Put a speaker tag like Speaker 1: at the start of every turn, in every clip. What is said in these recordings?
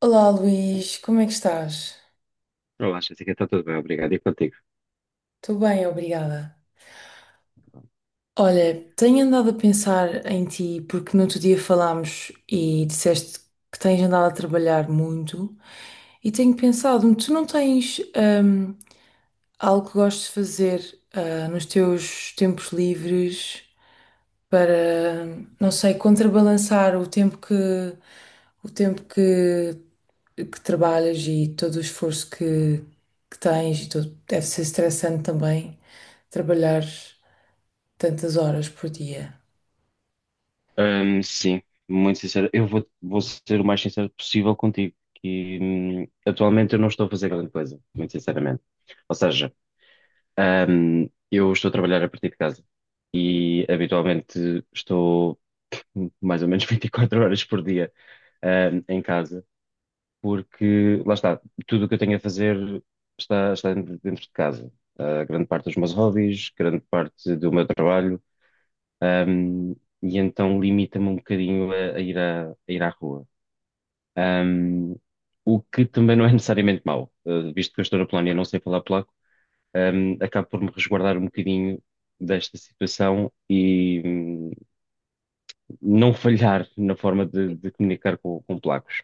Speaker 1: Olá Luís, como é que estás?
Speaker 2: Olá, Jéssica, está tudo bem, obrigado. E contigo?
Speaker 1: Estou bem, obrigada. Olha, tenho andado a pensar em ti porque no outro dia falámos e disseste que tens andado a trabalhar muito e tenho pensado, tu não tens algo que gostes de fazer nos teus tempos livres? Para, não sei, contrabalançar o tempo que o tempo que, que trabalhas e todo o esforço que tens e todo, deve ser estressante também trabalhar tantas horas por dia.
Speaker 2: Sim, muito sincero. Eu vou ser o mais sincero possível contigo, que atualmente eu não estou a fazer grande coisa, muito sinceramente. Ou seja, eu estou a trabalhar a partir de casa e habitualmente estou mais ou menos 24 horas por dia, em casa, porque lá está, tudo o que eu tenho a fazer está dentro de casa. Grande parte dos meus hobbies, grande parte do meu trabalho. Um, e então limita-me um bocadinho a ir à rua. Um, o que também não é necessariamente mau. Visto que eu estou na Polónia e não sei falar polaco, acabo por me resguardar um bocadinho desta situação e não falhar na forma de comunicar com polacos.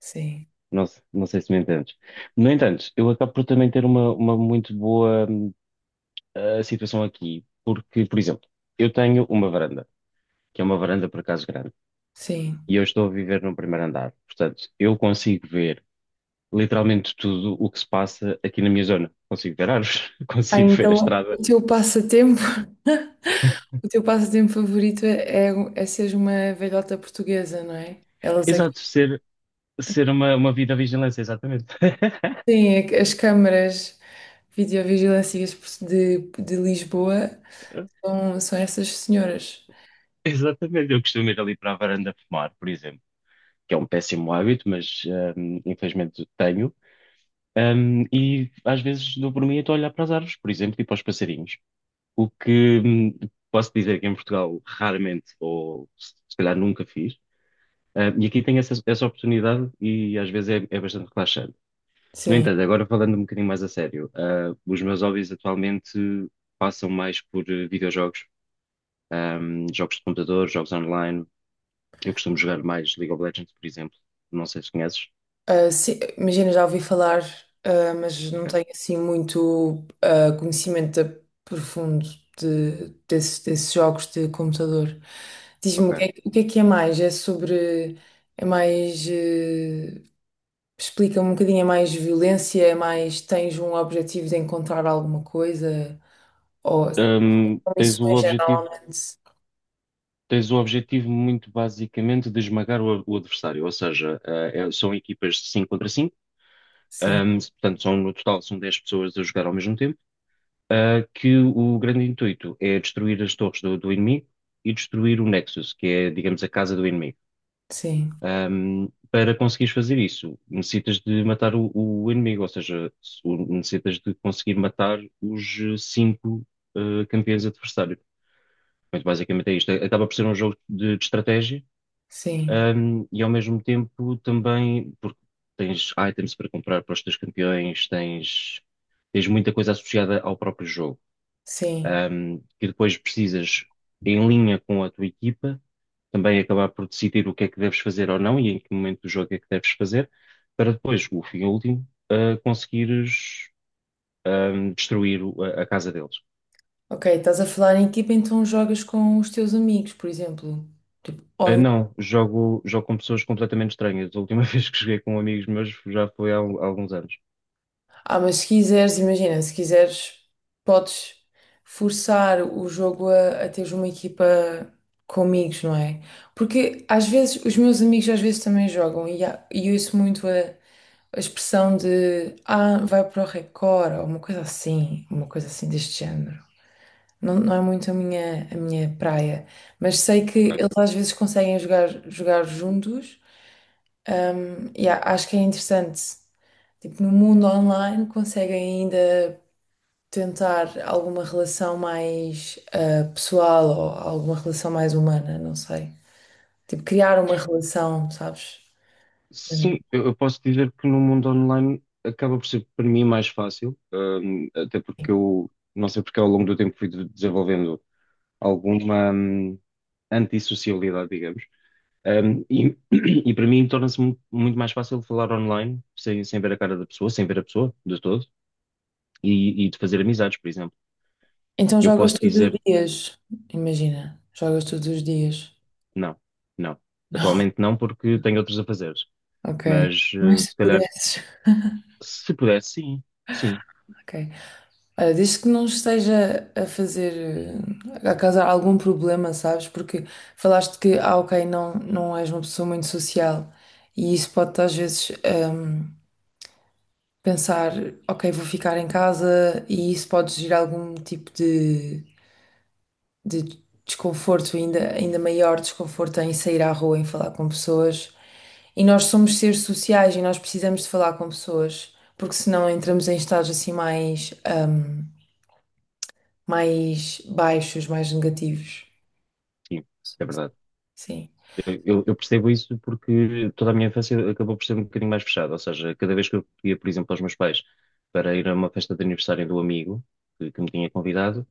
Speaker 1: Sim,
Speaker 2: Não, não sei se me entendes. No entanto, eu acabo por também ter uma muito boa situação aqui, porque, por exemplo, eu tenho uma varanda, que é uma varanda por acaso grande.
Speaker 1: sim.
Speaker 2: E eu estou a viver no primeiro andar. Portanto, eu consigo ver literalmente tudo o que se passa aqui na minha zona. Consigo ver árvores,
Speaker 1: Ah,
Speaker 2: consigo ver a
Speaker 1: então
Speaker 2: estrada.
Speaker 1: o teu passatempo favorito é, é seres uma velhota portuguesa, não é? Elas é que
Speaker 2: Exato, ser uma vida à vigilância, exatamente.
Speaker 1: têm as câmaras videovigilâncias de Lisboa. São, são essas senhoras.
Speaker 2: Exatamente. Eu costumo ir ali para a varanda fumar, por exemplo, que é um péssimo hábito, mas infelizmente tenho. E às vezes dou por mim e estou a olhar para as árvores, por exemplo, e para os passarinhos. O que posso dizer que em Portugal raramente, ou se calhar nunca fiz. E aqui tem essa oportunidade e às vezes é bastante relaxante. No
Speaker 1: Sim.
Speaker 2: entanto, agora falando um bocadinho mais a sério, os meus hobbies atualmente passam mais por videojogos, jogos de computador, jogos online. Eu costumo jogar mais League of Legends, por exemplo. Não sei se conheces.
Speaker 1: Ah, sim, imagina, já ouvi falar, ah, mas não
Speaker 2: Ok.
Speaker 1: tenho assim muito profundo desses jogos de computador. Diz-me
Speaker 2: Ok.
Speaker 1: o que é mais? É sobre. É mais. Explica-me um bocadinho, é mais violência, é mais tens um objetivo de encontrar alguma coisa? Ou são
Speaker 2: Ahm, tens o
Speaker 1: missões
Speaker 2: objetivo,
Speaker 1: geralmente?
Speaker 2: Tens o objetivo muito basicamente de esmagar o adversário, ou seja, são equipas de 5 contra 5,
Speaker 1: Sim,
Speaker 2: portanto, no total são 10 pessoas a jogar ao mesmo tempo, que o grande intuito é destruir as torres do inimigo e destruir o Nexus, que é, digamos, a casa do inimigo.
Speaker 1: sim,
Speaker 2: Para conseguires fazer isso, necessitas de matar o inimigo, ou seja, necessitas de conseguir matar os cinco campeões adversários. Portanto, basicamente é isto. Acaba por ser um jogo de estratégia,
Speaker 1: sim,
Speaker 2: e ao mesmo tempo também, porque tens items para comprar para os teus campeões, tens muita coisa associada ao próprio jogo,
Speaker 1: sim.
Speaker 2: que depois precisas, em linha com a tua equipa, também acabar por decidir o que é que deves fazer ou não e em que momento do jogo é que deves fazer, para depois, o fim último, conseguires destruir a casa deles.
Speaker 1: Ok, estás a falar em equipa, então jogas com os teus amigos, por exemplo. Tipo, on-
Speaker 2: Não, jogo com pessoas completamente estranhas. A última vez que joguei com amigos meus já foi há alguns anos.
Speaker 1: Ah, mas se quiseres, imagina, se quiseres, podes forçar o jogo a teres uma equipa com amigos, não é? Porque às vezes, os meus amigos às vezes também jogam e eu ouço muito a expressão de ah, vai para o Record, ou uma coisa assim deste género. Não, não é muito a minha praia, mas sei que
Speaker 2: Ok.
Speaker 1: eles às vezes conseguem jogar juntos. Um, yeah, acho que é interessante. Tipo, no mundo online conseguem ainda tentar alguma relação mais pessoal ou alguma relação mais humana, não sei. Tipo, criar uma relação, sabes? Hum.
Speaker 2: Sim, eu posso dizer que no mundo online acaba por ser para mim mais fácil, até porque eu não sei porque ao longo do tempo fui desenvolvendo alguma antissociabilidade, digamos. Um, e, e para mim torna-se muito mais fácil falar online, sem ver a cara da pessoa, sem ver a pessoa de todo, e de fazer amizades, por exemplo.
Speaker 1: Então
Speaker 2: Eu
Speaker 1: jogas
Speaker 2: posso
Speaker 1: todos os
Speaker 2: dizer.
Speaker 1: dias. Imagina, jogas todos os dias.
Speaker 2: Não, não.
Speaker 1: Não.
Speaker 2: Atualmente não, porque tenho outros a fazer.
Speaker 1: Ok.
Speaker 2: Mas
Speaker 1: Mas se
Speaker 2: se calhar,
Speaker 1: pudesses.
Speaker 2: se pudesse, sim, sim,
Speaker 1: Ok. Olha, desde que não esteja a fazer, eh, a causar algum problema, sabes? Porque falaste que, ah, ok, não, não és uma pessoa muito social e isso pode-te às vezes pensar, ok, vou ficar em casa e isso pode gerar algum tipo de desconforto, ainda maior desconforto em sair à rua, em falar com pessoas. E nós somos seres sociais e nós precisamos de falar com pessoas, porque senão entramos em estados assim mais. Mais baixos, mais negativos.
Speaker 2: sim, é verdade.
Speaker 1: Sim.
Speaker 2: Eu percebo isso porque toda a minha infância acabou por ser um bocadinho mais fechada. Ou seja, cada vez que eu ia, por exemplo, aos meus pais para ir a uma festa de aniversário do amigo que me tinha convidado,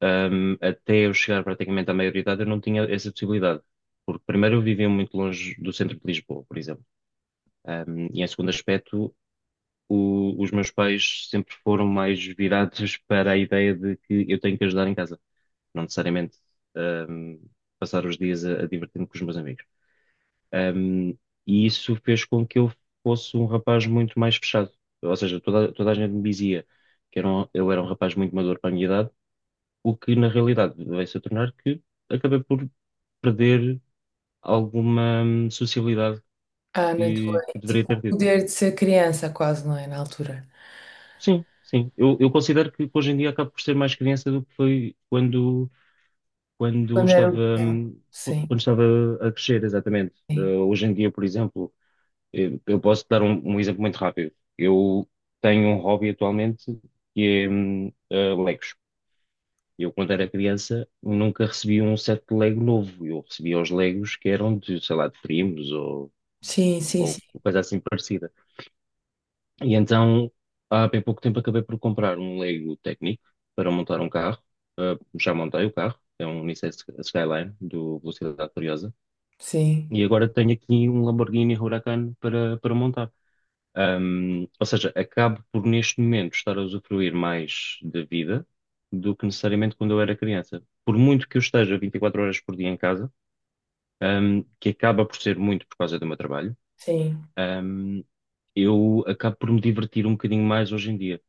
Speaker 2: até eu chegar praticamente à maioridade, eu não tinha essa possibilidade. Porque, primeiro, eu vivia muito longe do centro de Lisboa, por exemplo. E, em segundo aspecto, os meus pais sempre foram mais virados para a ideia de que eu tenho que ajudar em casa, não necessariamente, ahm, passar os dias a divertir-me com os meus amigos. Um, e isso fez com que eu fosse um rapaz muito mais fechado. Ou seja, toda a gente me dizia que eu era um rapaz muito maduro para a minha idade, o que na realidade veio-se a tornar que acabei por perder alguma socialidade
Speaker 1: Ah, na tua,
Speaker 2: que,
Speaker 1: é
Speaker 2: que deveria
Speaker 1: tipo, o
Speaker 2: ter tido.
Speaker 1: poder de ser criança, quase, não é? Na altura.
Speaker 2: Sim, sim. Eu considero que hoje em dia acabo por ser mais criança do que foi
Speaker 1: Quando era o. Sim,
Speaker 2: quando estava a crescer, exatamente.
Speaker 1: sim.
Speaker 2: Hoje em dia, por exemplo. Eu posso dar um exemplo muito rápido. Eu tenho um hobby atualmente que é Legos. Eu, quando era criança, nunca recebi um set de Lego novo. Eu recebia os Legos que eram de, sei lá, de primos ou,
Speaker 1: Sim, sim,
Speaker 2: ou
Speaker 1: sim.
Speaker 2: coisa assim parecida. E então, há bem pouco tempo, acabei por comprar um Lego técnico para montar um carro. Já montei o carro. É um Nissan Skyline do Velocidade Furiosa.
Speaker 1: Sim,
Speaker 2: E agora tenho aqui um Lamborghini Huracan para montar. Ou seja, acabo por neste momento estar a usufruir mais da vida do que necessariamente quando eu era criança. Por muito que eu esteja 24 horas por dia em casa, que acaba por ser muito por causa do meu trabalho,
Speaker 1: sim,
Speaker 2: um, eu acabo por me divertir um bocadinho mais hoje em dia.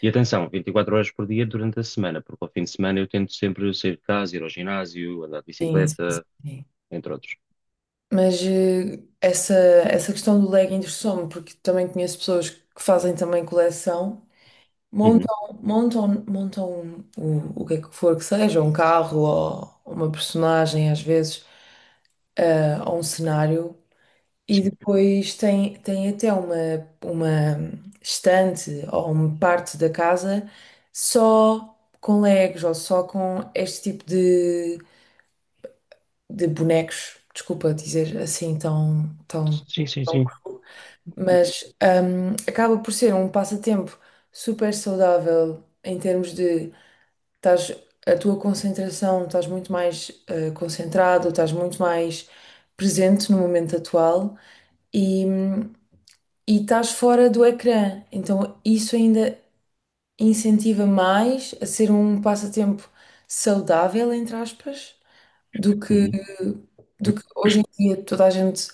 Speaker 2: E atenção, 24 horas por dia durante a semana, porque ao fim de semana eu tento sempre sair de casa, ir ao ginásio, andar de
Speaker 1: sim, sim, sim,
Speaker 2: bicicleta,
Speaker 1: sim.
Speaker 2: entre outros.
Speaker 1: Mas essa questão do legging interessou-me, porque também conheço pessoas que fazem também coleção,
Speaker 2: Uhum.
Speaker 1: montam o que é que for que seja, um carro ou uma personagem às vezes, ou um cenário. E
Speaker 2: Sim,
Speaker 1: depois tem, tem até uma estante ou uma parte da casa só com Legos ou só com este tipo de bonecos. Desculpa dizer assim
Speaker 2: sim, sim,
Speaker 1: tão
Speaker 2: sim.
Speaker 1: cru, mas acaba por ser um passatempo super saudável em termos de estás, a tua concentração, estás muito mais concentrado, estás muito mais presente no momento atual. e hum, e estás fora do ecrã. Então, isso ainda incentiva mais a ser um passatempo saudável, entre aspas, do que,
Speaker 2: Uhum.
Speaker 1: do que hoje em dia toda a gente,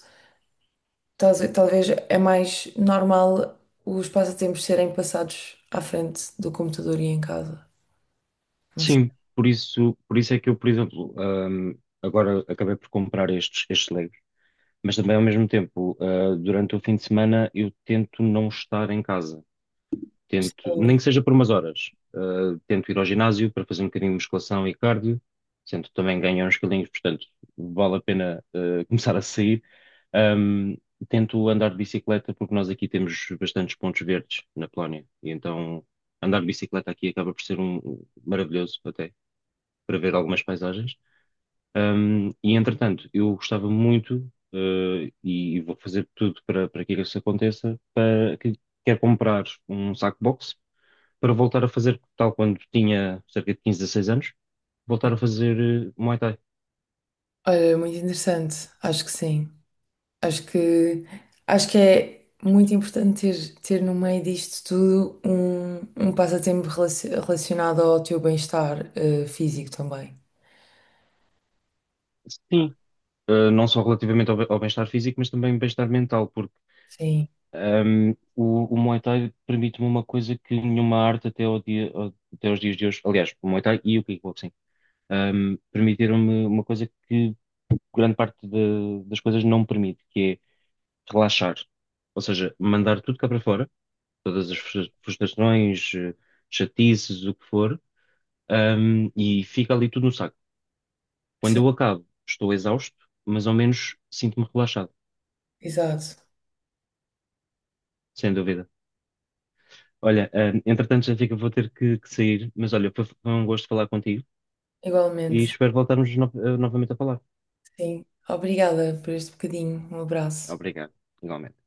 Speaker 1: talvez é mais normal os passatempos serem passados à frente do computador e em casa. Não sei.
Speaker 2: Sim, por isso é que eu, por exemplo, agora acabei por comprar estes Legos, mas também ao mesmo tempo, durante o fim de semana, eu tento não estar em casa, tento, nem
Speaker 1: Sim.
Speaker 2: que seja por umas horas. Tento ir ao ginásio para fazer um bocadinho de musculação e cardio, tento também ganhar uns quilinhos, portanto, vale a pena, começar a sair. Ahm, Tento andar de bicicleta porque nós aqui temos bastantes pontos verdes na Polónia, e então andar de bicicleta aqui acaba por ser um maravilhoso até para ver algumas paisagens. E entretanto, eu gostava muito, e vou fazer tudo para que isso aconteça, para que quer comprar um saco boxe para voltar a fazer, tal quando tinha cerca de 15, 16 anos, voltar a fazer Muay Thai.
Speaker 1: Olha, muito interessante. Acho que sim. Acho que, acho que é muito importante ter no meio disto tudo um, um passatempo relacionado ao teu bem-estar, físico também.
Speaker 2: Sim, não só relativamente ao bem-estar físico, mas também bem-estar mental, porque
Speaker 1: Sim,
Speaker 2: o Muay Thai permite-me uma coisa que nenhuma arte até aos dias de hoje, aliás, o Muay Thai e o kickboxing, permitiram-me uma coisa que grande parte das coisas não permite, que é relaxar. Ou seja, mandar tudo cá para fora, todas as frustrações, chatices, o que for, e fica ali tudo no saco. Quando
Speaker 1: sim,
Speaker 2: eu acabo, estou exausto, mas ao menos sinto-me relaxado,
Speaker 1: exato.
Speaker 2: sem dúvida. Olha, entretanto, já fica, vou ter que sair, mas olha, foi um gosto falar contigo e
Speaker 1: Igualmente,
Speaker 2: espero voltarmos novamente a falar.
Speaker 1: sim. Obrigada por este bocadinho. Um abraço.
Speaker 2: Obrigado, igualmente.